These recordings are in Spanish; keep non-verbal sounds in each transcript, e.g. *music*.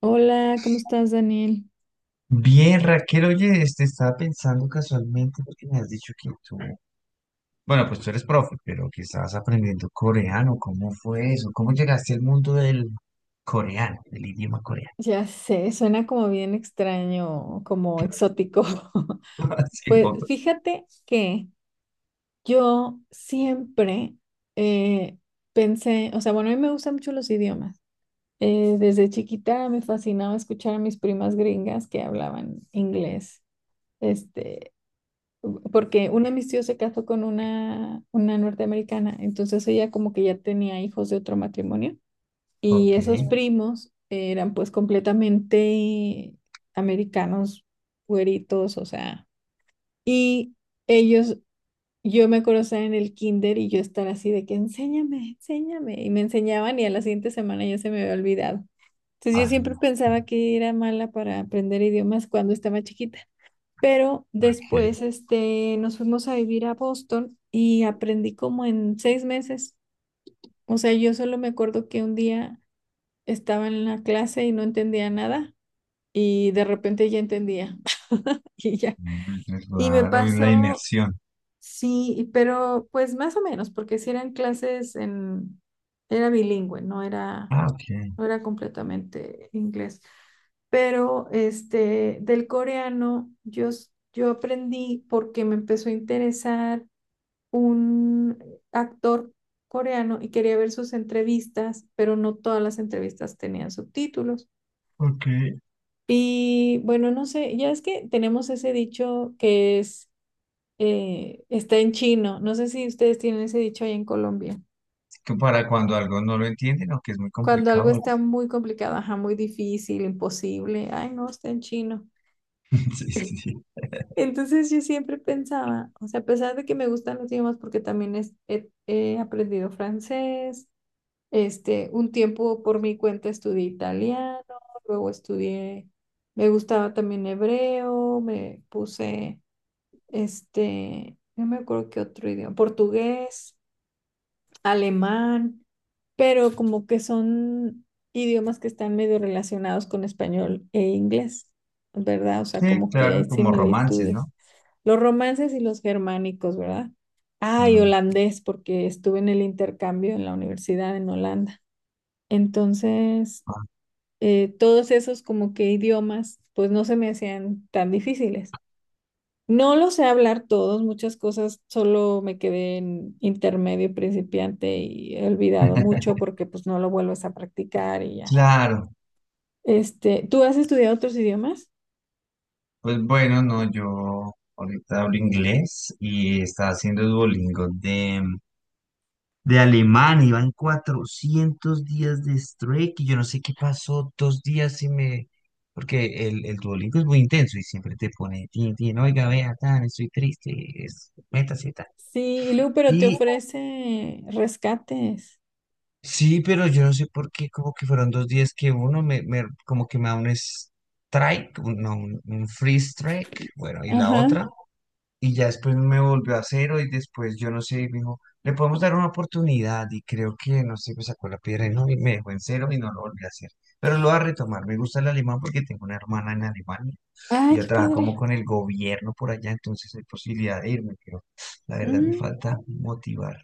Hola, ¿cómo estás, Daniel? Bien, Raquel, oye, estaba pensando casualmente porque me has dicho que tú, bueno, pues tú eres profe, pero que estabas aprendiendo coreano. ¿Cómo fue eso? ¿Cómo llegaste al mundo del coreano, del idioma coreano? Ya sé, suena como bien extraño, como exótico. *laughs* *laughs* Así un Pues poco. fíjate que yo siempre eh, pensé, o sea, bueno, a mí me gustan mucho los idiomas. Desde chiquita me fascinaba escuchar a mis primas gringas que hablaban inglés, este, porque uno de mis tíos se casó con una norteamericana, entonces ella como que ya tenía hijos de otro matrimonio. Y Ok. esos primos eran pues completamente americanos, güeritos, o sea. Y ellos, yo me acuerdo estar en el kinder y yo estar así de que enséñame, enséñame. Y me enseñaban y a la siguiente semana ya se me había olvidado. Entonces yo siempre Ah, pensaba que era mala para aprender idiomas cuando estaba chiquita. Pero después ok. Nos fuimos a vivir a Boston y aprendí como en 6 meses. O sea, yo solo me acuerdo que un día estaba en la clase y no entendía nada y de repente ya entendía *laughs* y ya. Muy Y me claro, y la pasó, inmersión. sí, pero pues más o menos, porque si eran clases en, era bilingüe, no era, Ah, ok. no era completamente inglés. Pero del coreano yo aprendí porque me empezó a interesar un actor coreano y quería ver sus entrevistas, pero no todas las entrevistas tenían subtítulos. Ok. Y bueno, no sé, ya es que tenemos ese dicho que es, está en chino. No sé si ustedes tienen ese dicho ahí en Colombia. Que para cuando algo no lo entienden o que es muy Cuando algo complicado algo. está *laughs* muy complicado, ajá, muy difícil, imposible, ay, no, está en chino. Sí, sí, sí. Entonces yo siempre pensaba, o sea, a pesar de que me gustan los idiomas, porque también he aprendido francés, un tiempo por mi cuenta estudié italiano, luego estudié, me gustaba también hebreo, me puse no me acuerdo qué otro idioma, portugués, alemán, pero como que son idiomas que están medio relacionados con español e inglés, ¿verdad? O sea, Sí, como que hay claro, como romances, similitudes. ¿no? Los romances y los germánicos, ¿verdad? Ah, y Mm. holandés, porque estuve en el intercambio en la universidad en Holanda. Entonces, Ah, todos esos como que idiomas, pues no se me hacían tan difíciles, no lo sé hablar todos, muchas cosas solo me quedé en intermedio principiante y he olvidado *laughs* mucho porque pues no lo vuelves a practicar y ya. claro. ¿Tú has estudiado otros idiomas? Pues bueno, no, yo ahorita hablo inglés y estaba haciendo Duolingo de alemán, iba en 400 días de strike y yo no sé qué pasó, dos días y me... Porque el Duolingo es muy intenso y siempre te pone, tin, tin, oiga, vea, tan, estoy triste, es, métase, tan. Sí, y luego, pero te Y ofrece rescates. sí, pero yo no sé por qué, como que fueron dos días que como que me da un strike, un, no, un free strike, bueno, y la Ajá. otra. Y ya después me volvió a cero y después yo no sé, y me dijo, le podemos dar una oportunidad y creo que, no sé, me sacó la piedra y no, y me dejó en cero y no lo volví a hacer. Pero lo voy a retomar, me gusta el alemán porque tengo una hermana en Alemania, Ay, ya qué trabaja como padre. con el gobierno por allá, entonces hay posibilidad de irme, pero la verdad me Mm. falta motivar.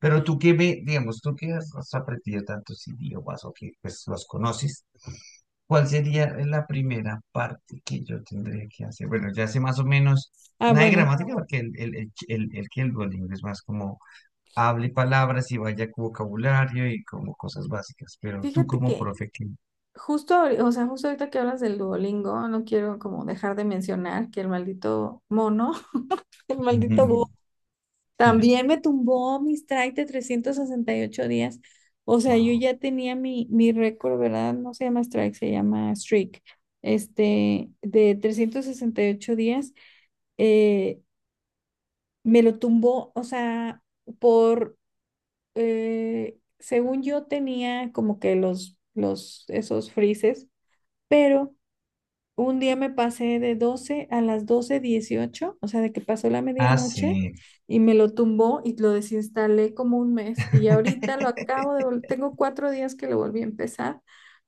Pero tú que me, digamos, tú que has aprendido tantos idiomas o que pues los conoces, ¿cuál sería la primera parte que yo tendría que hacer? Bueno, ya sé más o menos, Ah, nada de bueno, gramática, porque el Duolingo es más como hable palabras y vaya con vocabulario y como cosas básicas, pero tú fíjate como que profe qué, o sea, justo ahorita que hablas del Duolingo, no quiero como dejar de mencionar que el maldito mono, *laughs* el maldito *laughs* sí, también me tumbó mis strike de 368 días. O sea, yo wow. ya tenía mi récord, ¿verdad? No se llama strike, se llama streak. De 368 días, eh, me lo tumbó, o sea, por, según yo tenía como que esos freezes, pero un día me pasé de 12 a las 12:18, o sea, de que pasó la Ah, medianoche sí. y me lo tumbó y lo desinstalé como un mes. Y ahorita lo acabo de *laughs* tengo 4 días que lo volví a empezar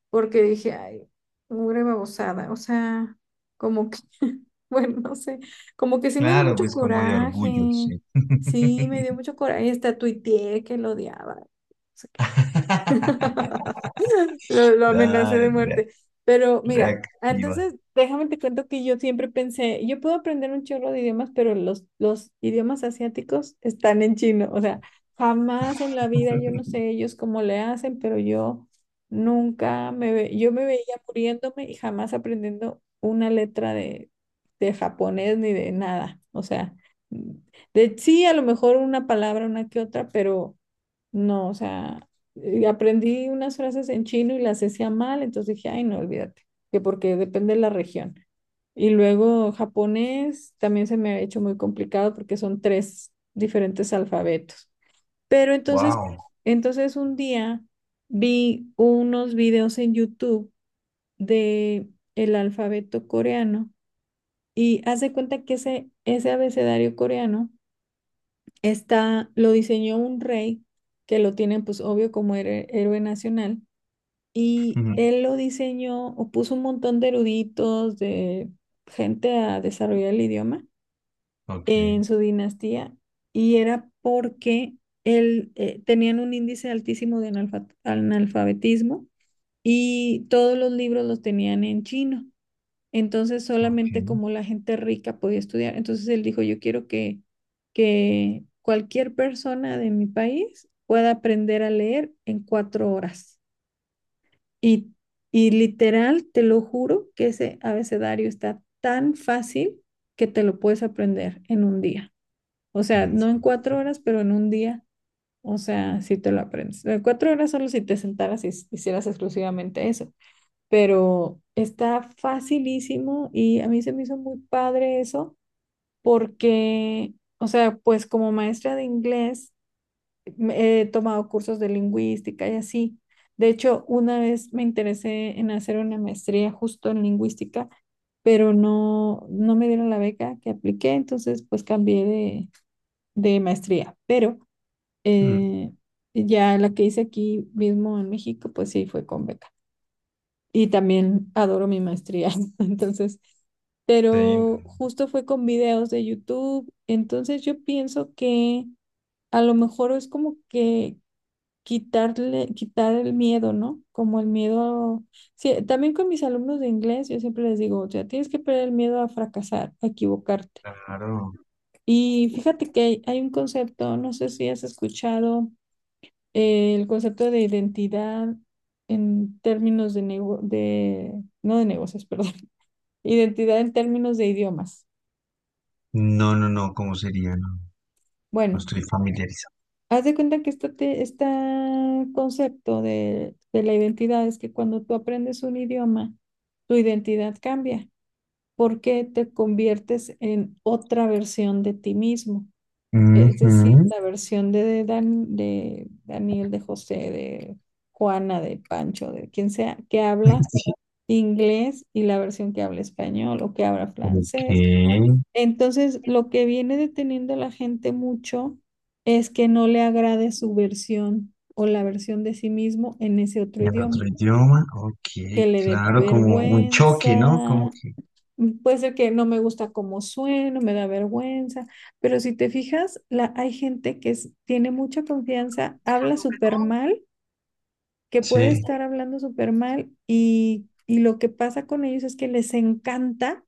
porque dije, ay, mugre babosada, o sea, como que, *laughs* bueno, no sé, como que sí me dio Claro, mucho pues como de coraje, orgullo, sí. sí, me dio mucho coraje, hasta tuiteé que lo odiaba. O sea, *laughs* *laughs* Lo Ah, amenacé de re- muerte. Pero mira, ah, reactiva. entonces déjame te cuento que yo siempre pensé, yo puedo aprender un chorro de idiomas, pero los idiomas asiáticos están en chino. O sea, jamás en la vida, yo no *laughs* sé ellos cómo le hacen, pero yo nunca me ve, yo me veía muriéndome y jamás aprendiendo una letra de japonés ni de nada. O sea, de sí, a lo mejor una palabra, una que otra, pero no, o sea, aprendí unas frases en chino y las decía mal, entonces dije, ay, no, olvídate, que porque depende de la región. Y luego japonés también se me ha hecho muy complicado porque son tres diferentes alfabetos. Pero entonces, Wow. entonces un día vi unos videos en YouTube de el alfabeto coreano y haz de cuenta que ese abecedario coreano está, lo diseñó un rey que lo tienen pues obvio como héroe héroe nacional y él lo diseñó o puso un montón de eruditos, de gente a desarrollar el idioma Ok, en su dinastía y era porque él, tenían un índice altísimo de analfabetismo y todos los libros los tenían en chino. Entonces solamente ok. como la gente rica podía estudiar. Entonces él dijo, yo quiero que cualquier persona de mi país pueda aprender a leer en 4 horas. Y, y literal, te lo juro que ese abecedario está tan fácil que te lo puedes aprender en un día. O sea, ¿En no en serio? 4 horas, pero en un día. O sea, si te lo aprendes. En cuatro horas solo si te sentaras y hicieras exclusivamente eso, pero está facilísimo y a mí se me hizo muy padre eso porque, o sea, pues como maestra de inglés he tomado cursos de lingüística y así. De hecho, una vez me interesé en hacer una maestría justo en lingüística, pero no, no me dieron la beca que apliqué, entonces pues cambié de maestría, pero eh, ya la que hice aquí mismo en México, pues sí fue con beca y también adoro mi maestría. *laughs* Entonces, Sí, pero justo fue con videos de YouTube. Entonces yo pienso que a lo mejor es como que quitarle, quitar el miedo, ¿no? Como el miedo. Sí, también con mis alumnos de inglés, yo siempre les digo, o sea, tienes que perder el miedo a fracasar, a equivocarte. claro. Y fíjate que hay un concepto, no sé si has escuchado, el concepto de identidad en términos de no de negocios, *laughs* perdón, identidad en términos de idiomas. No, no, no, ¿cómo sería? No, no Bueno, estoy familiarizado. haz de cuenta que este, este concepto de la identidad es que cuando tú aprendes un idioma, tu identidad cambia porque te conviertes en otra versión de ti mismo. Es decir, Ujú. la versión de, de Daniel, de José, de Juana, de Pancho, de quien sea, que *laughs* habla Sí, inglés y la versión que habla español o que habla ok, francés. en Entonces, lo que viene deteniendo a la gente mucho es que no le agrade su versión o la versión de sí mismo en ese otro idioma, otro idioma, ok, que le dé claro, como un choque, ¿no? vergüenza, Como que, puede ser que no me gusta cómo sueno, me da vergüenza, pero si te fijas, la, hay gente que tiene mucha confianza, habla súper mal, que puede sí, estar hablando súper mal y lo que pasa con ellos es que les encanta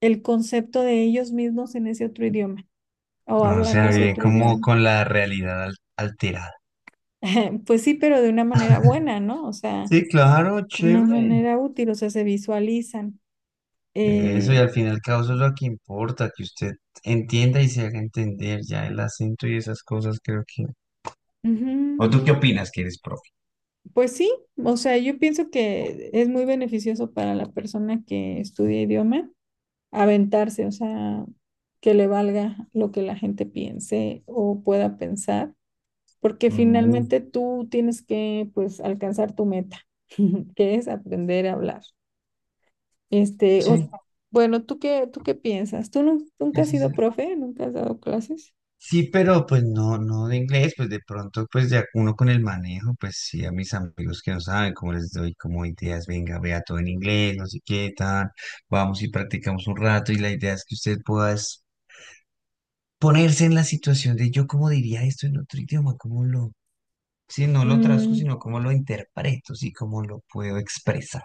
el concepto de ellos mismos en ese otro idioma, o o hablando sea, ese bien, otro como idioma. con la realidad al- alterada. *laughs* Pues sí, pero de una manera buena, ¿no? O sea, Sí, claro, una chévere. manera útil, o sea, se visualizan. Eso, y Eh, al final y al cabo eso es lo que importa, que usted entienda y se haga entender ya, el acento y esas cosas, creo que. ujú. ¿O tú qué opinas que eres profe? Pues sí, o sea, yo pienso que es muy beneficioso para la persona que estudia idioma aventarse, o sea, que le valga lo que la gente piense o pueda pensar, porque Mm, finalmente tú tienes que, pues, alcanzar tu meta, *laughs* que es aprender a hablar. Este, sí, o, bueno, tú qué piensas? ¿Tú nunca has ese es sido el- profe? ¿Nunca has dado clases? Sí, pero pues no, no de inglés, pues de pronto pues ya uno con el manejo, pues sí, a mis amigos que no saben cómo les doy como ideas, venga, vea todo en inglés, no sé qué, tan, vamos y practicamos un rato y la idea es que usted pueda es ponerse en la situación de yo cómo diría esto en otro idioma, cómo lo, sí, no lo traduzco, Mm, sino cómo lo interpreto, sí, cómo lo puedo expresar.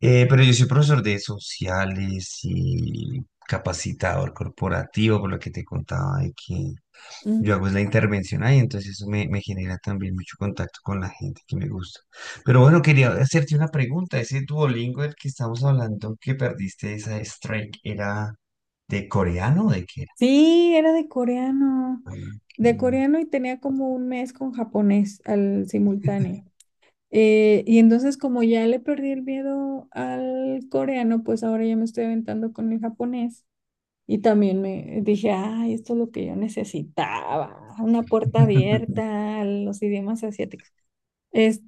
Pero yo soy profesor de sociales y capacitador corporativo, por lo que te contaba de que yo mm. hago es la intervención ahí, entonces eso me, me genera también mucho contacto con la gente que me gusta. Pero bueno, quería hacerte una pregunta. Ese Duolingo del que estamos hablando, que perdiste esa strike, ¿era de coreano o de qué era? Sí, era de coreano y tenía como un mes con japonés al simultáneo. Y entonces como ya le perdí el miedo al coreano, pues ahora ya me estoy aventando con el japonés. Y también me dije, ay, esto es lo que yo necesitaba, una puerta *laughs* abierta a los idiomas asiáticos.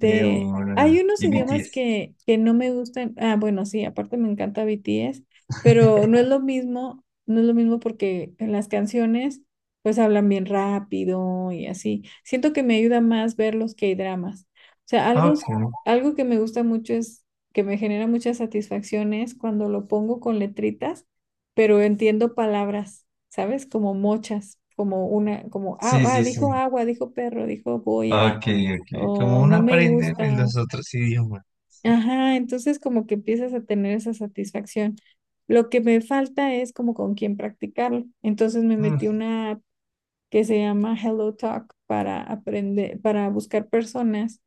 De hay una... unos de idiomas BTS. Que no me gustan. Ah, bueno, sí, aparte me encanta BTS, pero no *laughs* es lo mismo, no es lo mismo porque en las canciones pues hablan bien rápido y así. Siento que me ayuda más ver los K-dramas. O sea, algo, Ok, algo que me gusta mucho es que me genera muchas satisfacciones cuando lo pongo con letritas, pero entiendo palabras, ¿sabes? Como mochas, como una, como, ah, sí, ah, sí, sí. dijo agua, dijo perro, dijo voy a Ok, ok. Como o uno no me aprende pues gusta. los otros idiomas. Ajá, entonces como que empiezas a tener esa satisfacción. Lo que me falta es como con quién practicarlo. Entonces me metí Mm, una app que se llama Hello Talk para aprender, para buscar personas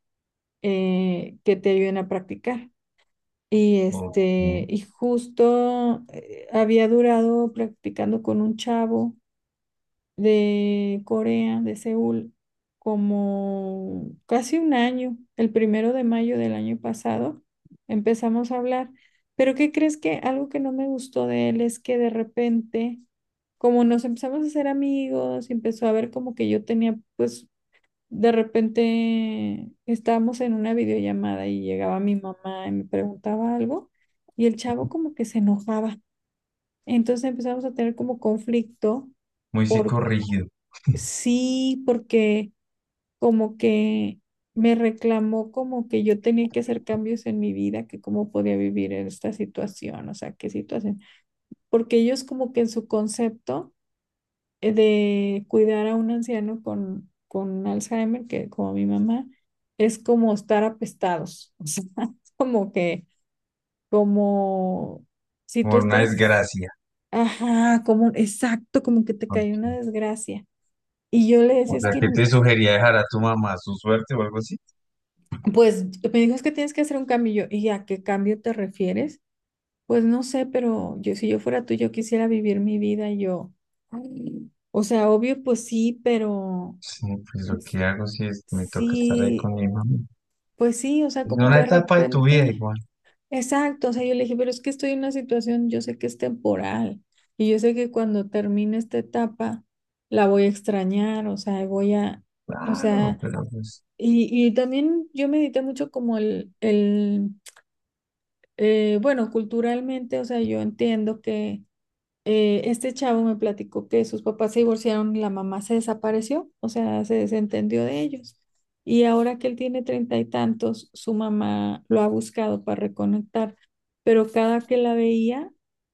que te ayuden a practicar. Y ok. este, y justo había durado practicando con un chavo de Corea, de Seúl, como casi un año, el primero de mayo del año pasado, empezamos a hablar. Pero ¿qué crees que algo que no me gustó de él es que de repente, como nos empezamos a hacer amigos, empezó a ver como que yo tenía, pues de repente estábamos en una videollamada y llegaba mi mamá y me preguntaba algo y el chavo como que se enojaba. Entonces empezamos a tener como conflicto. Muy psicorrígido, Sí, porque como que me reclamó como que yo tenía que hacer cambios en mi vida, que cómo podía vivir en esta situación, o sea, qué situación. Porque ellos como que en su concepto de cuidar a un anciano con Alzheimer, que como mi mamá, es como estar apestados, o sea, *laughs* es como que, como si como tú una estás, desgracia. ajá, como, exacto, como que te cae una Ok. desgracia. Y yo le O decía, es sea, que... ¿qué te sugería? ¿Dejar a tu mamá su suerte o algo así? Pues me dijo, es que tienes que hacer un cambio. Y yo, ¿y a qué cambio te refieres? Pues no sé, pero yo, si yo fuera tú, yo quisiera vivir mi vida y yo. "Ay". O sea, obvio, pues sí, pero... Sí, pues lo s- que hago si es, me toca estar ahí sí, con mi mamá. pues sí, o sea, Es como que una de etapa de tu vida repente. igual. Exacto, o sea, yo le dije, pero es que estoy en una situación, yo sé que es temporal y yo sé que cuando termine esta etapa la voy a extrañar, o sea, voy a, o Claro, sea, pero pues... y también yo medité mucho como el Bueno, culturalmente, o sea, yo entiendo que este chavo me platicó que sus papás se divorciaron y la mamá se desapareció, o sea, se desentendió de ellos. Y ahora que él tiene treinta y tantos, su mamá lo ha buscado para reconectar, pero cada que la veía,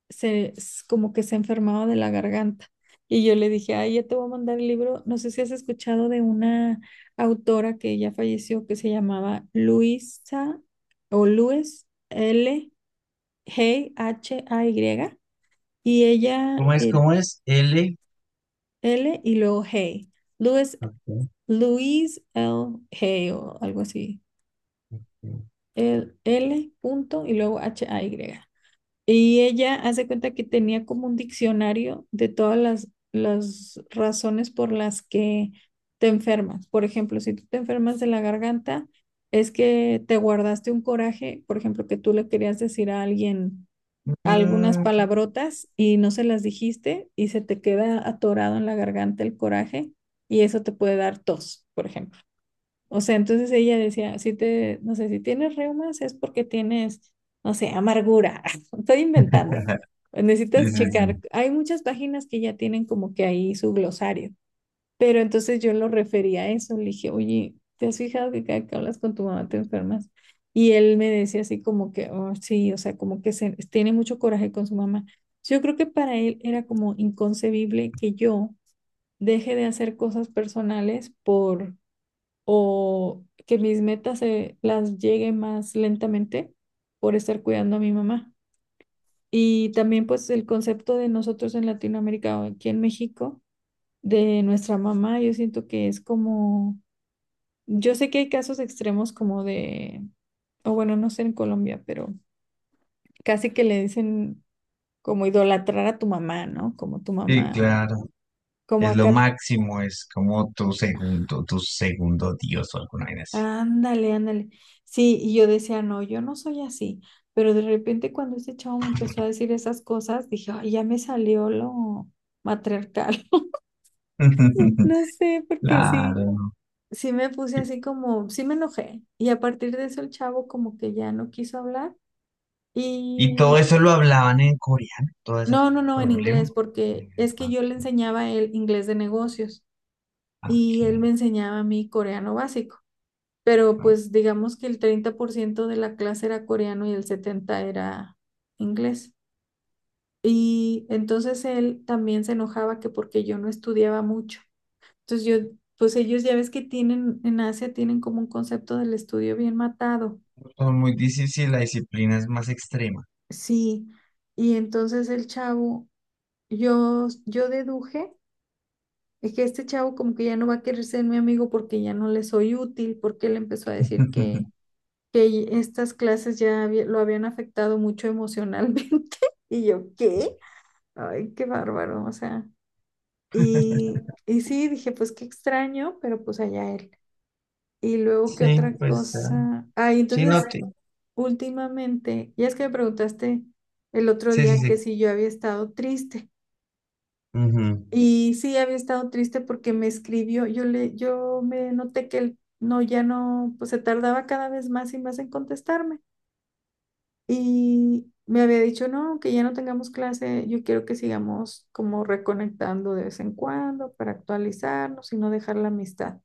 como que se enfermaba de la garganta. Y yo le dije, ay, ya te voy a mandar el libro. No sé si has escuchado de una autora que ya falleció, que se llamaba Luisa o Luis L. Hey, H-A-Y, y ella ¿Cómo es? ¿Cómo es? L. L y luego Hey. Luis, Ok. Luis L. Hey o algo así. El L punto y luego H-A-Y. Y ella, hace cuenta que tenía como un diccionario de todas las razones por las que te enfermas. Por ejemplo, si tú te enfermas de la garganta, es que te guardaste un coraje, por ejemplo, que tú le querías decir a alguien algunas Mm, palabrotas y no se las dijiste y se te queda atorado en la garganta el coraje, y eso te puede dar tos, por ejemplo. O sea, entonces ella decía, si te, no sé, si tienes reumas es porque tienes, no sé, amargura. *laughs* Estoy inventando. sí, Necesitas sí, checar. sí. Hay muchas páginas que ya tienen como que ahí su glosario. Pero entonces yo lo refería a eso, le dije, oye, ¿te has fijado que cada que hablas con tu mamá te enfermas? Y él me decía así como que, "Oh, sí, o sea, como que tiene mucho coraje con su mamá". Yo creo que para él era como inconcebible que yo deje de hacer cosas personales por, o que mis metas las llegue más lentamente por estar cuidando a mi mamá. Y también pues el concepto de nosotros en Latinoamérica o aquí en México de nuestra mamá, yo siento que es como... yo sé que hay casos extremos como de, o bueno, no sé en Colombia, pero casi que le dicen como idolatrar a tu mamá, ¿no? Como tu Sí, mamá, claro. como Es lo acá, máximo, es como tu segundo Dios o alguna vaina así. ándale, ándale. Sí, y yo decía, no, yo no soy así, pero de repente cuando ese chavo me empezó a decir esas cosas, dije, ay, ya me salió lo matriarcal, *laughs* *laughs* no sé, porque sí. Claro. Sí, me puse Y, así como, sí, me enojé. Y a partir de eso el chavo como que ya no quiso hablar. y todo Y eso lo hablaban en coreano, todo ese no, no, no, en problema. inglés, porque Mm, es que yo le ok, enseñaba a él inglés de negocios ok, y él me enseñaba a mí coreano básico. Pero ok. pues digamos que el 30% de la clase era coreano y el 70% era inglés. Y entonces él también se enojaba, que porque yo no estudiaba mucho. Entonces yo, pues, ellos ya ves que tienen, en Asia tienen como un concepto del estudio bien matado. Son muy difíciles, la disciplina es más extrema. Sí, y entonces el chavo, yo deduje, es que este chavo como que ya no va a querer ser mi amigo porque ya no le soy útil, porque él empezó a decir *laughs* que estas clases ya lo habían afectado mucho emocionalmente. *laughs* Y yo, ¿qué? Ay, qué bárbaro, o sea. Y sí, dije, pues qué extraño, pero pues allá él. Y luego, ¿qué Sí, otra pues, cosa? Ay, sí, no entonces, te- últimamente, ya, es que me preguntaste el otro Sí, sí, día que sí. si yo había estado triste. Ujú. Y sí, había estado triste porque me escribió, yo le, yo me noté que él no, ya no, pues se tardaba cada vez más y más en contestarme. Y me había dicho, no, que ya no tengamos clase, yo quiero que sigamos como reconectando de vez en cuando para actualizarnos y no dejar la amistad.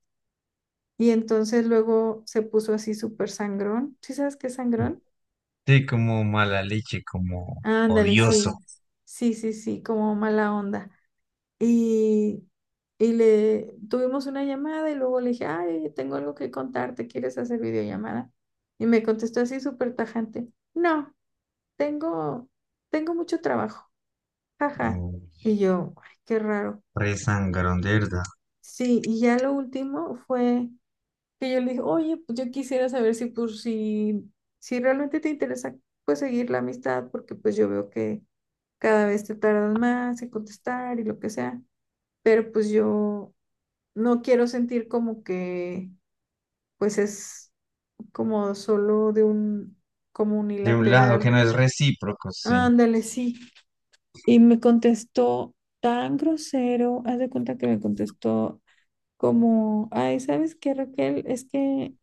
Y entonces luego se puso así súper sangrón. ¿Sí sabes qué es sangrón? Sí, como mala leche, como Ándale, odioso, sí, sí, sí, sí, como mala onda. Y, y le tuvimos una llamada y luego le dije, ay, tengo algo que contarte, ¿quieres hacer videollamada? Y me contestó así súper tajante, no, tengo, tengo, mucho trabajo, jaja. como Y yo, ay, qué raro. re sangrón, de verdad. Sí, y ya lo último fue que yo le dije, oye, pues yo quisiera saber si, pues, si realmente te interesa, pues, seguir la amistad, porque pues yo veo que cada vez te tardas más en contestar y lo que sea, pero pues yo... no quiero sentir como que, pues, es como solo de un, como De un lado que unilateral. no es recíproco, sí. Ándale, sí. Y me contestó tan grosero, haz de cuenta que me contestó como, ay, ¿sabes qué, Raquel? Es que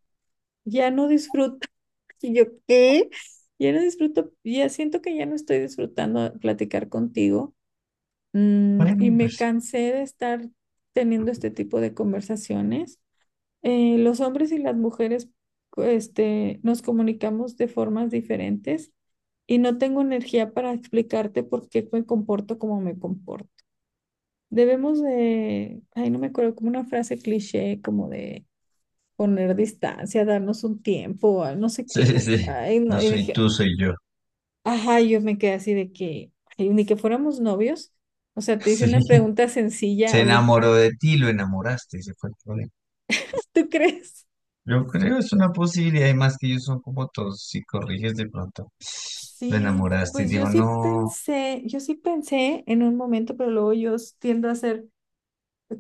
ya no disfruto. *laughs* Y yo, ¿qué? Ya no disfruto, ya siento que ya no estoy disfrutando platicar contigo. Mm, y Bueno, me pues, cansé de estar teniendo este tipo de conversaciones. Los hombres y las mujeres, este, nos comunicamos de formas diferentes y no tengo energía para explicarte por qué me comporto como me comporto. Debemos de, ay, no me acuerdo, como una frase cliché, como de poner distancia, darnos un tiempo, ah, no sé sí, sí, qué. sí. Ay, No no, y soy dije, tú, soy yo. *laughs* ajá, yo me quedé así de que, ay, ni que fuéramos novios. O sea, te hice Sí, una pregunta sencilla, se oye, enamoró de ti, lo enamoraste, ese fue el problema. *laughs* ¿tú crees? Yo creo es una posibilidad, y más que ellos son como todos, si corriges de pronto, lo Sí, enamoraste y pues yo dijo, sí no. pensé, yo sí pensé en un momento, pero luego yo tiendo a ser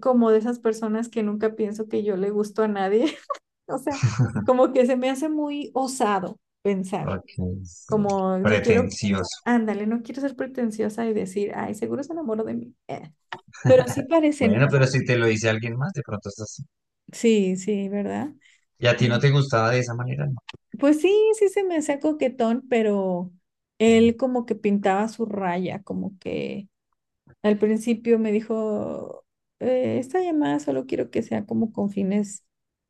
como de esas personas que nunca pienso que yo le gusto a nadie. *laughs* O sea, *laughs* como que se me hace muy osado pensar, Ok, sí. como no quiero, Pretencioso. ándale, no quiero ser pretenciosa y decir, ay, seguro se enamoró de mí. Pero sí *laughs* parece, ¿no? Bueno, pero si te lo dice alguien más, de pronto estás... así. Sí, sí, ¿verdad? ¿Y a ti no Mm. te gustaba de esa manera, ¿no? Pues sí, sí se me hacía coquetón, pero Mm, él como que pintaba su raya, como que... Al principio me dijo, Esta llamada solo quiero que sea como con fines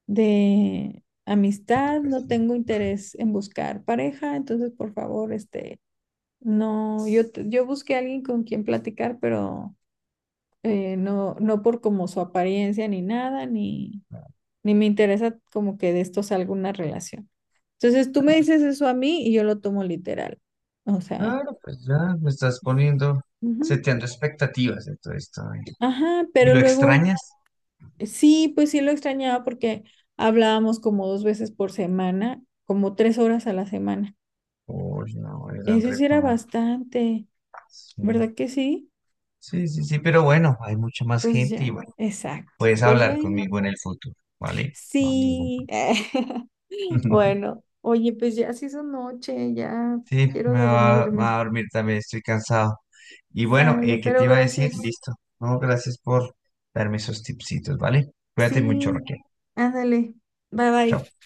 de amistad, no educación. tengo interés en buscar pareja, entonces por favor, este, no, yo, yo busqué a alguien con quien platicar, pero no, no por como su apariencia ni nada, ni, ni me interesa como que de esto salga una relación. Entonces tú me dices eso a mí y yo lo tomo literal. O sea, Claro, pues ya me estás poniendo, ujú". seteando expectativas de todo esto, ¿eh? Ajá, ¿Y pero lo luego... extrañas? Sí, pues sí lo extrañaba porque hablábamos como dos veces por semana, como tres horas a la semana. Uy, no, eran Eso sí era reparos. bastante, Sí, ¿verdad que sí? sí, sí, sí, pero bueno, hay mucha más Pues gente y ya, bueno, exacto. puedes Pues hablar bueno, conmigo en el futuro, ¿vale? No hay ningún sí. *laughs* problema. *laughs* Bueno, oye, pues ya se hizo noche, ya Sí, quiero me dormirme. va a dormir también, estoy cansado. Y bueno, Sale, ¿qué te pero iba a decir? gracias. Listo. No, gracias por darme esos tipsitos, ¿vale? Cuídate mucho, Sí, Raquel. ándale. Bye Chao. bye.